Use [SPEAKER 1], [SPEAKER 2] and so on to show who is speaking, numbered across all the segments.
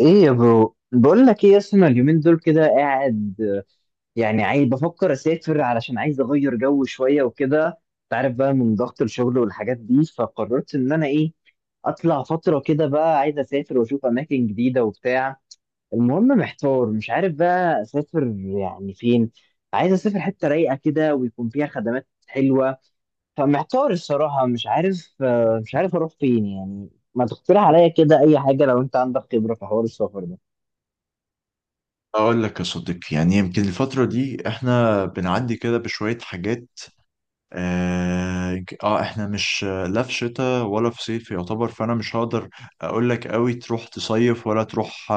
[SPEAKER 1] ايه يا برو، بقول لك ايه يا اسطى. أنا اليومين دول كده قاعد، يعني عايز بفكر اسافر علشان عايز اغير جو شويه وكده. انت عارف بقى من ضغط الشغل والحاجات دي، فقررت ان انا ايه، اطلع فتره كده بقى. عايز اسافر واشوف اماكن جديده وبتاع. المهم محتار، مش عارف بقى اسافر يعني فين. عايز اسافر حته رايقه كده ويكون فيها خدمات حلوه. فمحتار الصراحه، مش عارف اروح فين يعني. ما تقترح عليا كده اي حاجه لو انت عندك خبره في حوار السفر ده؟
[SPEAKER 2] أقول لك يا صديقي، يعني يمكن الفترة دي إحنا بنعدي كده بشوية حاجات. إحنا مش لا في شتاء ولا في صيف يعتبر، فأنا مش هقدر أقول لك أوي تروح تصيف ولا تروح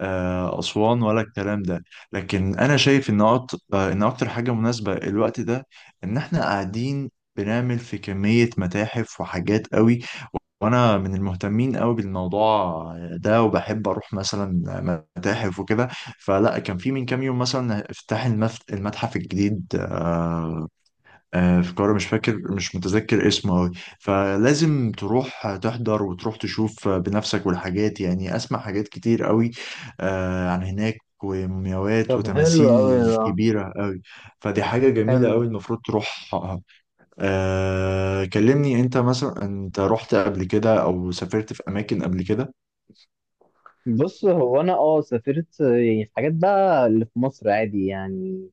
[SPEAKER 2] أسوان ولا الكلام ده. لكن أنا شايف إن أكتر حاجة مناسبة الوقت ده، إن إحنا قاعدين بنعمل في كمية متاحف وحاجات قوي، وانا من المهتمين قوي بالموضوع ده، وبحب اروح مثلا متاحف وكده. فلا كان في من كام يوم مثلا افتتاح المتحف الجديد في القاهره، مش فاكر مش متذكر اسمه قوي. فلازم تروح تحضر وتروح تشوف بنفسك والحاجات، يعني اسمع حاجات كتير قوي عن هناك، ومومياوات
[SPEAKER 1] طب حلو قوي
[SPEAKER 2] وتماثيل
[SPEAKER 1] ده.
[SPEAKER 2] كبيرة قوي. فدي حاجة جميلة قوي،
[SPEAKER 1] حلو.
[SPEAKER 2] المفروض تروح. كلمني انت، مثلا انت رحت قبل كده او سافرت في اماكن قبل كده؟
[SPEAKER 1] بص، هو انا سافرت يعني في حاجات بقى اللي في مصر عادي يعني.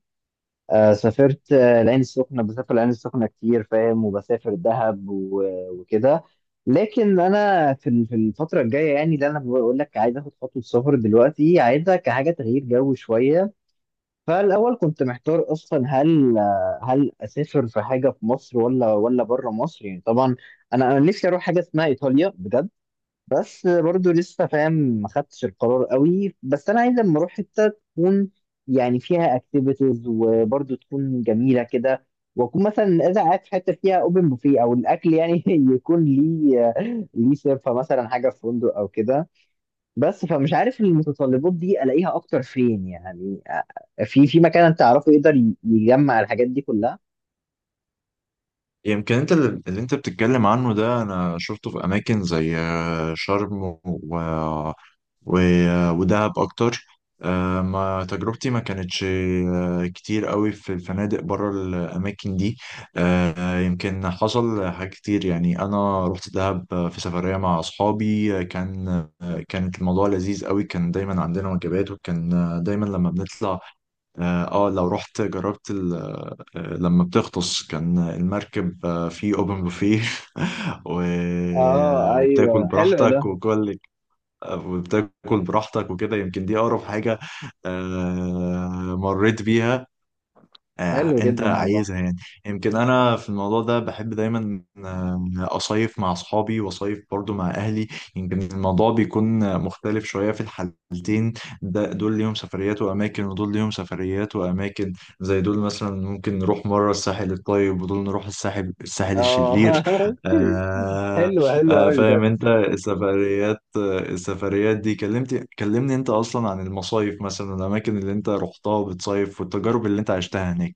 [SPEAKER 1] سافرت، العين السخنة، بسافر العين السخنة كتير، فاهم، وبسافر دهب و- وكده. لكن انا في الفترة الجاية، يعني اللي انا بقول لك، عايز اخد خطوة سفر دلوقتي، عايزها كحاجة تغيير جو شوية. فالاول كنت محتار اصلا هل هل اسافر في حاجة في مصر ولا بره مصر، يعني طبعا انا نفسي اروح حاجة اسمها ايطاليا بجد. بس برضو لسه، فاهم، ما خدتش القرار قوي، بس انا عايز اما اروح حته تكون يعني فيها اكتيفيتيز، وبرضو تكون جميله كده. واكون مثلا اذا قاعد في حته فيها اوبن بوفيه او الاكل يعني يكون ليه، سيرفا مثلا حاجه في فندق او كده. بس فمش عارف المتطلبات دي الاقيها اكتر فين يعني، في مكان انت تعرفه يقدر يجمع الحاجات دي كلها.
[SPEAKER 2] يعني يمكن انت اللي انت بتتكلم عنه ده انا شفته في اماكن زي شرم ودهب اكتر. ما تجربتي ما كانتش كتير قوي في الفنادق بره الاماكن دي. يمكن حصل حاجات كتير، يعني انا رحت دهب في سفريه مع اصحابي، كانت الموضوع لذيذ قوي، كان دايما عندنا وجبات، وكان دايما لما بنطلع. لو رحت جربت لما بتغطس كان المركب فيه اوبن بوفيه و-
[SPEAKER 1] اه
[SPEAKER 2] وبتاكل
[SPEAKER 1] ايوه حلو
[SPEAKER 2] براحتك
[SPEAKER 1] ده.
[SPEAKER 2] وكل وبتاكل براحتك وكده، يمكن دي اقرب حاجه مريت بيها
[SPEAKER 1] حلو
[SPEAKER 2] انت
[SPEAKER 1] جدا والله.
[SPEAKER 2] عايزها يعني. يمكن انا في الموضوع ده بحب دايما اصيف مع اصحابي، واصيف برضو مع اهلي. يمكن الموضوع بيكون مختلف شويه في الحالتين. ده دول ليهم سفريات واماكن، ودول ليهم سفريات واماكن. زي دول مثلا ممكن نروح مره الساحل الطيب، ودول نروح الساحل
[SPEAKER 1] اه
[SPEAKER 2] الشرير. آه
[SPEAKER 1] حلو، حلو قوي
[SPEAKER 2] فاهم
[SPEAKER 1] بجد.
[SPEAKER 2] انت؟ السفريات دي كلمني انت اصلا عن المصايف، مثلا الاماكن اللي انت رحتها بتصيف والتجارب اللي انت عشتها هناك.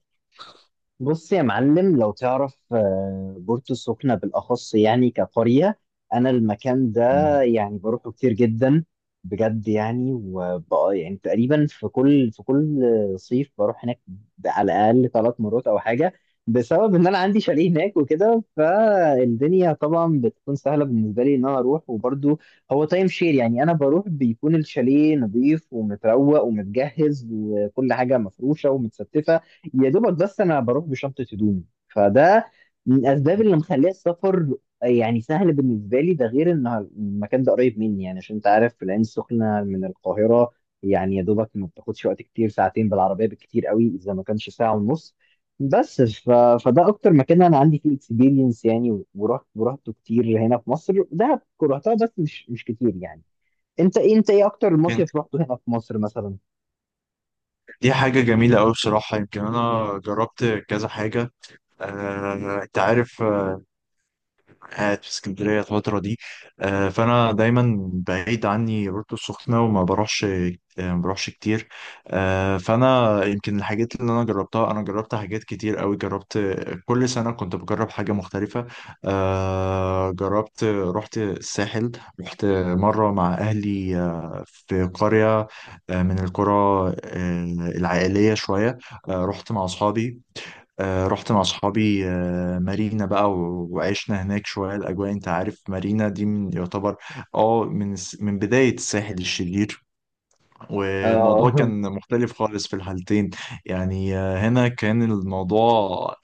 [SPEAKER 1] بص يا معلم، لو تعرف بورتو السخنة بالأخص، يعني كقرية، أنا المكان ده
[SPEAKER 2] مم.
[SPEAKER 1] يعني بروحه كتير جدا بجد. يعني وبقى يعني تقريبا في كل صيف بروح هناك على الأقل 3 مرات أو حاجة، بسبب إن أنا عندي شاليه هناك وكده، فالدنيا طبعا بتكون سهلة بالنسبة لي إن أنا أروح. وبرضو هو تايم شير، يعني أنا بروح بيكون الشاليه نظيف ومتروق ومتجهز وكل حاجة مفروشة ومتستفة، يا دوبك بس انا بروح بشنطه هدومي. فده من الاسباب اللي مخليه السفر يعني سهل بالنسبه لي، ده غير ان المكان ده قريب مني، يعني عشان انت عارف في العين السخنه من القاهره، يعني يا دوبك ما بتاخدش وقت كتير، ساعتين بالعربيه بالكتير قوي، اذا ما كانش ساعه ونص. بس ف... فده اكتر مكان انا عندي فيه اكسبيرينس يعني، ورحت ورحته كتير هنا في مصر. دهب رحتها بس مش كتير يعني. انت ايه اكتر
[SPEAKER 2] كانت-
[SPEAKER 1] مصيف رحته هنا في مصر مثلا؟
[SPEAKER 2] دي حاجة جميلة أوي بصراحة، يمكن أنا جربت كذا حاجة. أنت عارف قاعد في اسكندرية الفترة دي، فأنا دايما بعيد عني بورتو السخنة وما بروحش آه، ما بروحش كتير. فأنا يمكن الحاجات اللي أنا جربتها، أنا جربت حاجات كتير أوي، جربت كل سنة كنت بجرب حاجة مختلفة. جربت رحت الساحل، رحت مرة مع أهلي في قرية من القرى العائلية شوية. رحت مع أصحابي مارينا بقى وعشنا هناك شوية، الأجواء أنت عارف مارينا دي من يعتبر اه من من بداية الساحل الشرير. والموضوع
[SPEAKER 1] اه
[SPEAKER 2] كان مختلف خالص في الحالتين. يعني هنا كان الموضوع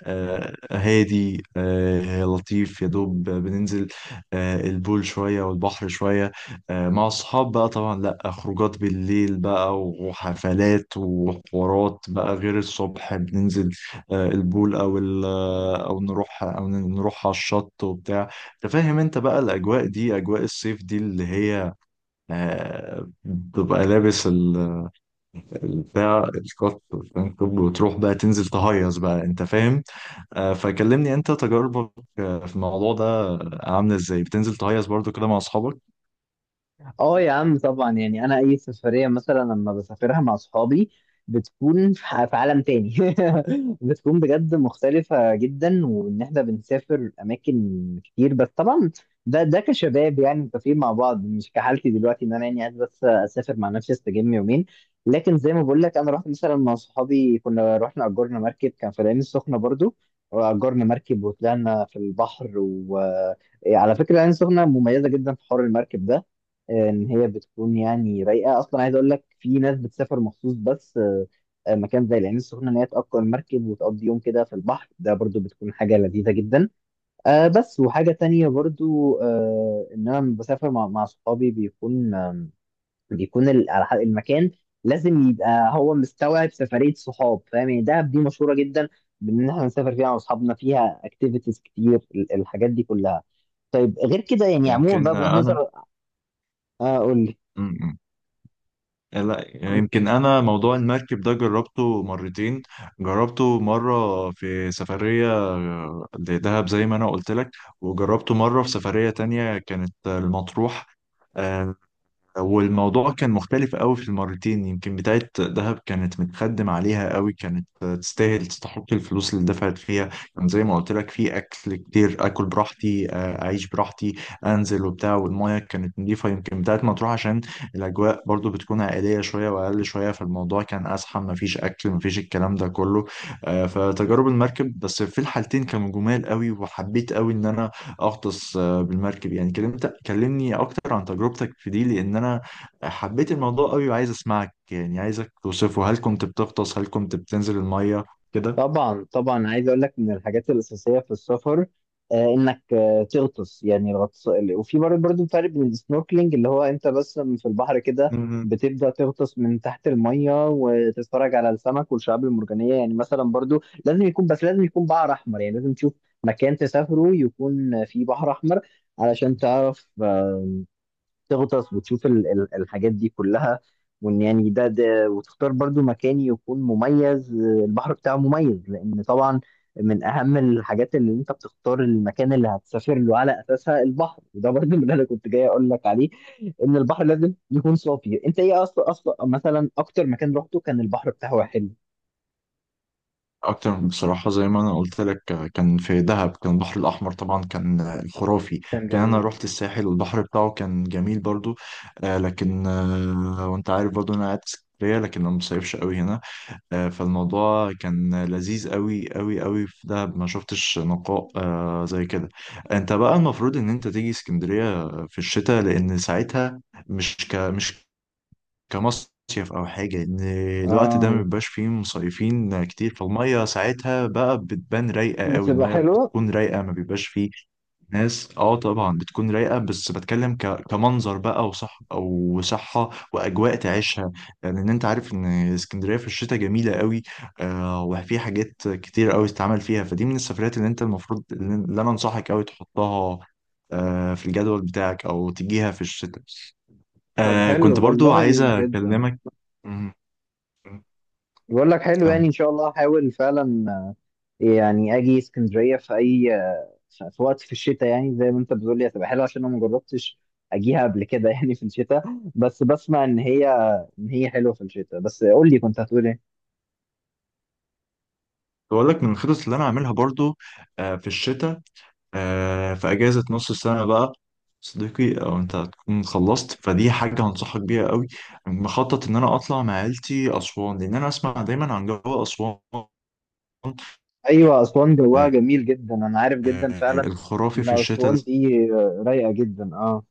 [SPEAKER 2] هادي لطيف، يا دوب بننزل البول شوية والبحر شوية، مع الصحاب بقى طبعا، لا خروجات بالليل بقى وحفلات وحوارات بقى، غير الصبح بننزل البول او او نروح على الشط وبتاع. تفهم انت بقى الاجواء دي، اجواء الصيف دي اللي هي بتبقى لابس بتاع الكات والفانكوب، وتروح بقى تنزل تهيص بقى انت فاهم. فكلمني انت تجاربك في الموضوع ده، عامله ازاي بتنزل تهيص برضو كده مع اصحابك؟
[SPEAKER 1] اه يا عم، طبعا يعني انا اي سفريه مثلا لما بسافرها مع اصحابي بتكون في عالم تاني بتكون بجد مختلفه جدا. وان احنا بنسافر اماكن كتير، بس طبعا ده كشباب يعني متفقين مع بعض، مش كحالتي دلوقتي ان انا يعني قاعد بس اسافر مع نفسي استجم يومين. لكن زي ما بقول لك، انا رحت مثلا مع صحابي، كنا رحنا اجرنا مركب كان في العين السخنه برضو، واجرنا مركب وطلعنا في البحر. وعلى فكره، العين السخنه مميزه جدا في حوار المركب ده، ان هي بتكون يعني رايقه اصلا. عايز اقول لك في ناس بتسافر مخصوص، بس مكان زي العين السخنه ان هي تاجر مركب وتقضي يوم كده في البحر، ده برضو بتكون حاجه لذيذه جدا. بس وحاجه تانية برضو، ان انا لما بسافر مع صحابي بيكون المكان لازم يبقى هو مستوعب سفريه صحاب، فاهم يعني؟ دهب دي مشهوره جدا بان احنا نسافر فيها مع اصحابنا، فيها اكتيفيتيز كتير، الحاجات دي كلها. طيب غير كده يعني عموما بقى
[SPEAKER 2] يمكن
[SPEAKER 1] بغض
[SPEAKER 2] انا
[SPEAKER 1] النظر، اقول.
[SPEAKER 2] م- م. لا، يمكن انا موضوع المركب ده جربته مرتين، جربته مره في سفريه لدهب زي ما انا قلت لك، وجربته مره في سفريه تانية كانت المطروح. آه، والموضوع كان مختلف قوي في المرتين، يمكن بتاعة دهب كانت متخدم عليها قوي، كانت تستاهل تستحق الفلوس اللي دفعت فيها، كان زي ما قلت لك في اكل كتير، اكل براحتي اعيش براحتي، انزل وبتاع، والمياه كانت نظيفة. يمكن بتاعة مطروح عشان الاجواء برضو بتكون عائلية شوية واقل شوية، فالموضوع كان ازحم، مفيش اكل مفيش الكلام ده كله. فتجارب المركب بس في الحالتين كانوا جمال قوي، وحبيت قوي ان انا اغطس بالمركب. يعني كلمني اكتر عن تجربتك في دي، لان انا حبيت الموضوع قوي وعايز اسمعك، يعني عايزك توصفه، هل كنت بتغطس؟ هل كنت بتنزل المية كده؟
[SPEAKER 1] طبعا طبعا، عايز اقول لك من الحاجات الاساسيه في السفر انك تغطس، يعني الغطس. وفي برضه، فرق بين السنوركلينج اللي هو انت بس في البحر كده
[SPEAKER 2] مم.
[SPEAKER 1] بتبدا تغطس من تحت الميه وتتفرج على السمك والشعاب المرجانيه. يعني مثلا برضه لازم يكون، بحر احمر، يعني لازم تشوف مكان تسافره يكون فيه بحر احمر علشان تعرف تغطس وتشوف الحاجات دي كلها. وان يعني ده، وتختار برضو مكان يكون مميز، البحر بتاعه مميز، لان طبعا من اهم الحاجات اللي انت بتختار المكان اللي هتسافر له على اساسها البحر. وده برضو اللي انا كنت جاي اقول لك عليه، ان البحر لازم يكون صافي. انت ايه اصلا، مثلا اكتر مكان رحته كان البحر بتاعه حلو؟
[SPEAKER 2] اكتر بصراحة زي ما انا قلت لك، كان في دهب، كان البحر الاحمر طبعا كان خرافي.
[SPEAKER 1] كان
[SPEAKER 2] كان انا
[SPEAKER 1] جميل.
[SPEAKER 2] رحت الساحل والبحر بتاعه كان جميل برضو. آه، لكن آه، وانت عارف برضو انا قاعد في اسكندرية، لكن انا مصيفش قوي هنا. فالموضوع كان لذيذ قوي قوي قوي في دهب، ما شفتش نقاء زي كده. انت بقى المفروض ان انت تيجي اسكندرية في الشتاء، لان ساعتها مش كمصيف او حاجة، ان الوقت ده ما
[SPEAKER 1] اه
[SPEAKER 2] بيبقاش فيه مصيفين كتير، فالمية ساعتها بقى بتبان رايقة قوي،
[SPEAKER 1] بتبقى
[SPEAKER 2] المية
[SPEAKER 1] حلوة.
[SPEAKER 2] بتكون رايقة، ما بيبقاش فيه ناس، اه طبعا بتكون رايقه، بس بتكلم كمنظر بقى، وصح او صحه، واجواء تعيشها. لان يعني انت عارف ان اسكندريه في الشتاء جميله قوي، وفي حاجات كتير قوي تتعمل فيها، فدي من السفرات اللي انت المفروض اللي انا انصحك قوي تحطها في الجدول بتاعك، او تجيها في الشتاء.
[SPEAKER 1] طب حلو
[SPEAKER 2] كنت برضو
[SPEAKER 1] والله،
[SPEAKER 2] عايزه
[SPEAKER 1] جدا.
[SPEAKER 2] اكلمك. مم.
[SPEAKER 1] بقول لك حلو، يعني
[SPEAKER 2] كم
[SPEAKER 1] ان شاء الله هحاول فعلا يعني اجي اسكندريه في اي، في وقت في الشتاء، يعني زي ما انت بتقول لي هتبقى حلوه. عشان انا ما جربتش اجيها قبل كده يعني في الشتاء، بس بسمع ان هي، ان هي حلوه في الشتاء. بس قول لي كنت هتقول ايه؟
[SPEAKER 2] بقول لك من الخطط اللي انا عاملها برضو في الشتاء، في أجازة نص السنة بقى، صديقي أو أنت هتكون خلصت، فدي حاجة هنصحك بيها قوي، مخطط إن أنا أطلع مع عيلتي أسوان، لأن أنا أسمع دايما عن جو أسوان
[SPEAKER 1] ايوه اسوان جواها
[SPEAKER 2] آه،
[SPEAKER 1] جميل جدا، انا عارف جدا فعلا
[SPEAKER 2] الخرافي
[SPEAKER 1] ان
[SPEAKER 2] في الشتاء.
[SPEAKER 1] اسوان دي رايقه جدا اه.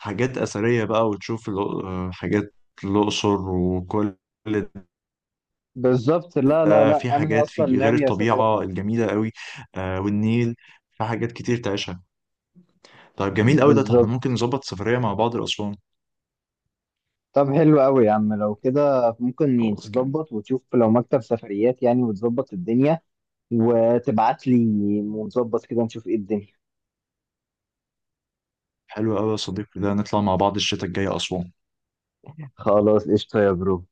[SPEAKER 2] حاجات أثرية بقى، وتشوف حاجات الأقصر وكل
[SPEAKER 1] بالظبط، لا لا
[SPEAKER 2] ده، في
[SPEAKER 1] لا انا
[SPEAKER 2] حاجات في
[SPEAKER 1] اصلا
[SPEAKER 2] غير
[SPEAKER 1] ناوي اسافرها.
[SPEAKER 2] الطبيعة الجميلة قوي، والنيل، في حاجات كتير تعيشها. طيب جميل قوي ده، طب احنا ممكن
[SPEAKER 1] بالظبط.
[SPEAKER 2] نظبط سفرية مع بعض لأسوان.
[SPEAKER 1] طب حلو قوي يا عم، لو كده ممكن
[SPEAKER 2] خلاص جميل.
[SPEAKER 1] تظبط وتشوف لو مكتب سفريات يعني، وتظبط الدنيا وتبعت لي، ونظبط كده نشوف ايه الدنيا.
[SPEAKER 2] حلو قوي يا صديقي، ده نطلع مع بعض الشتاء الجاي أسوان.
[SPEAKER 1] خلاص قشطة يا برو.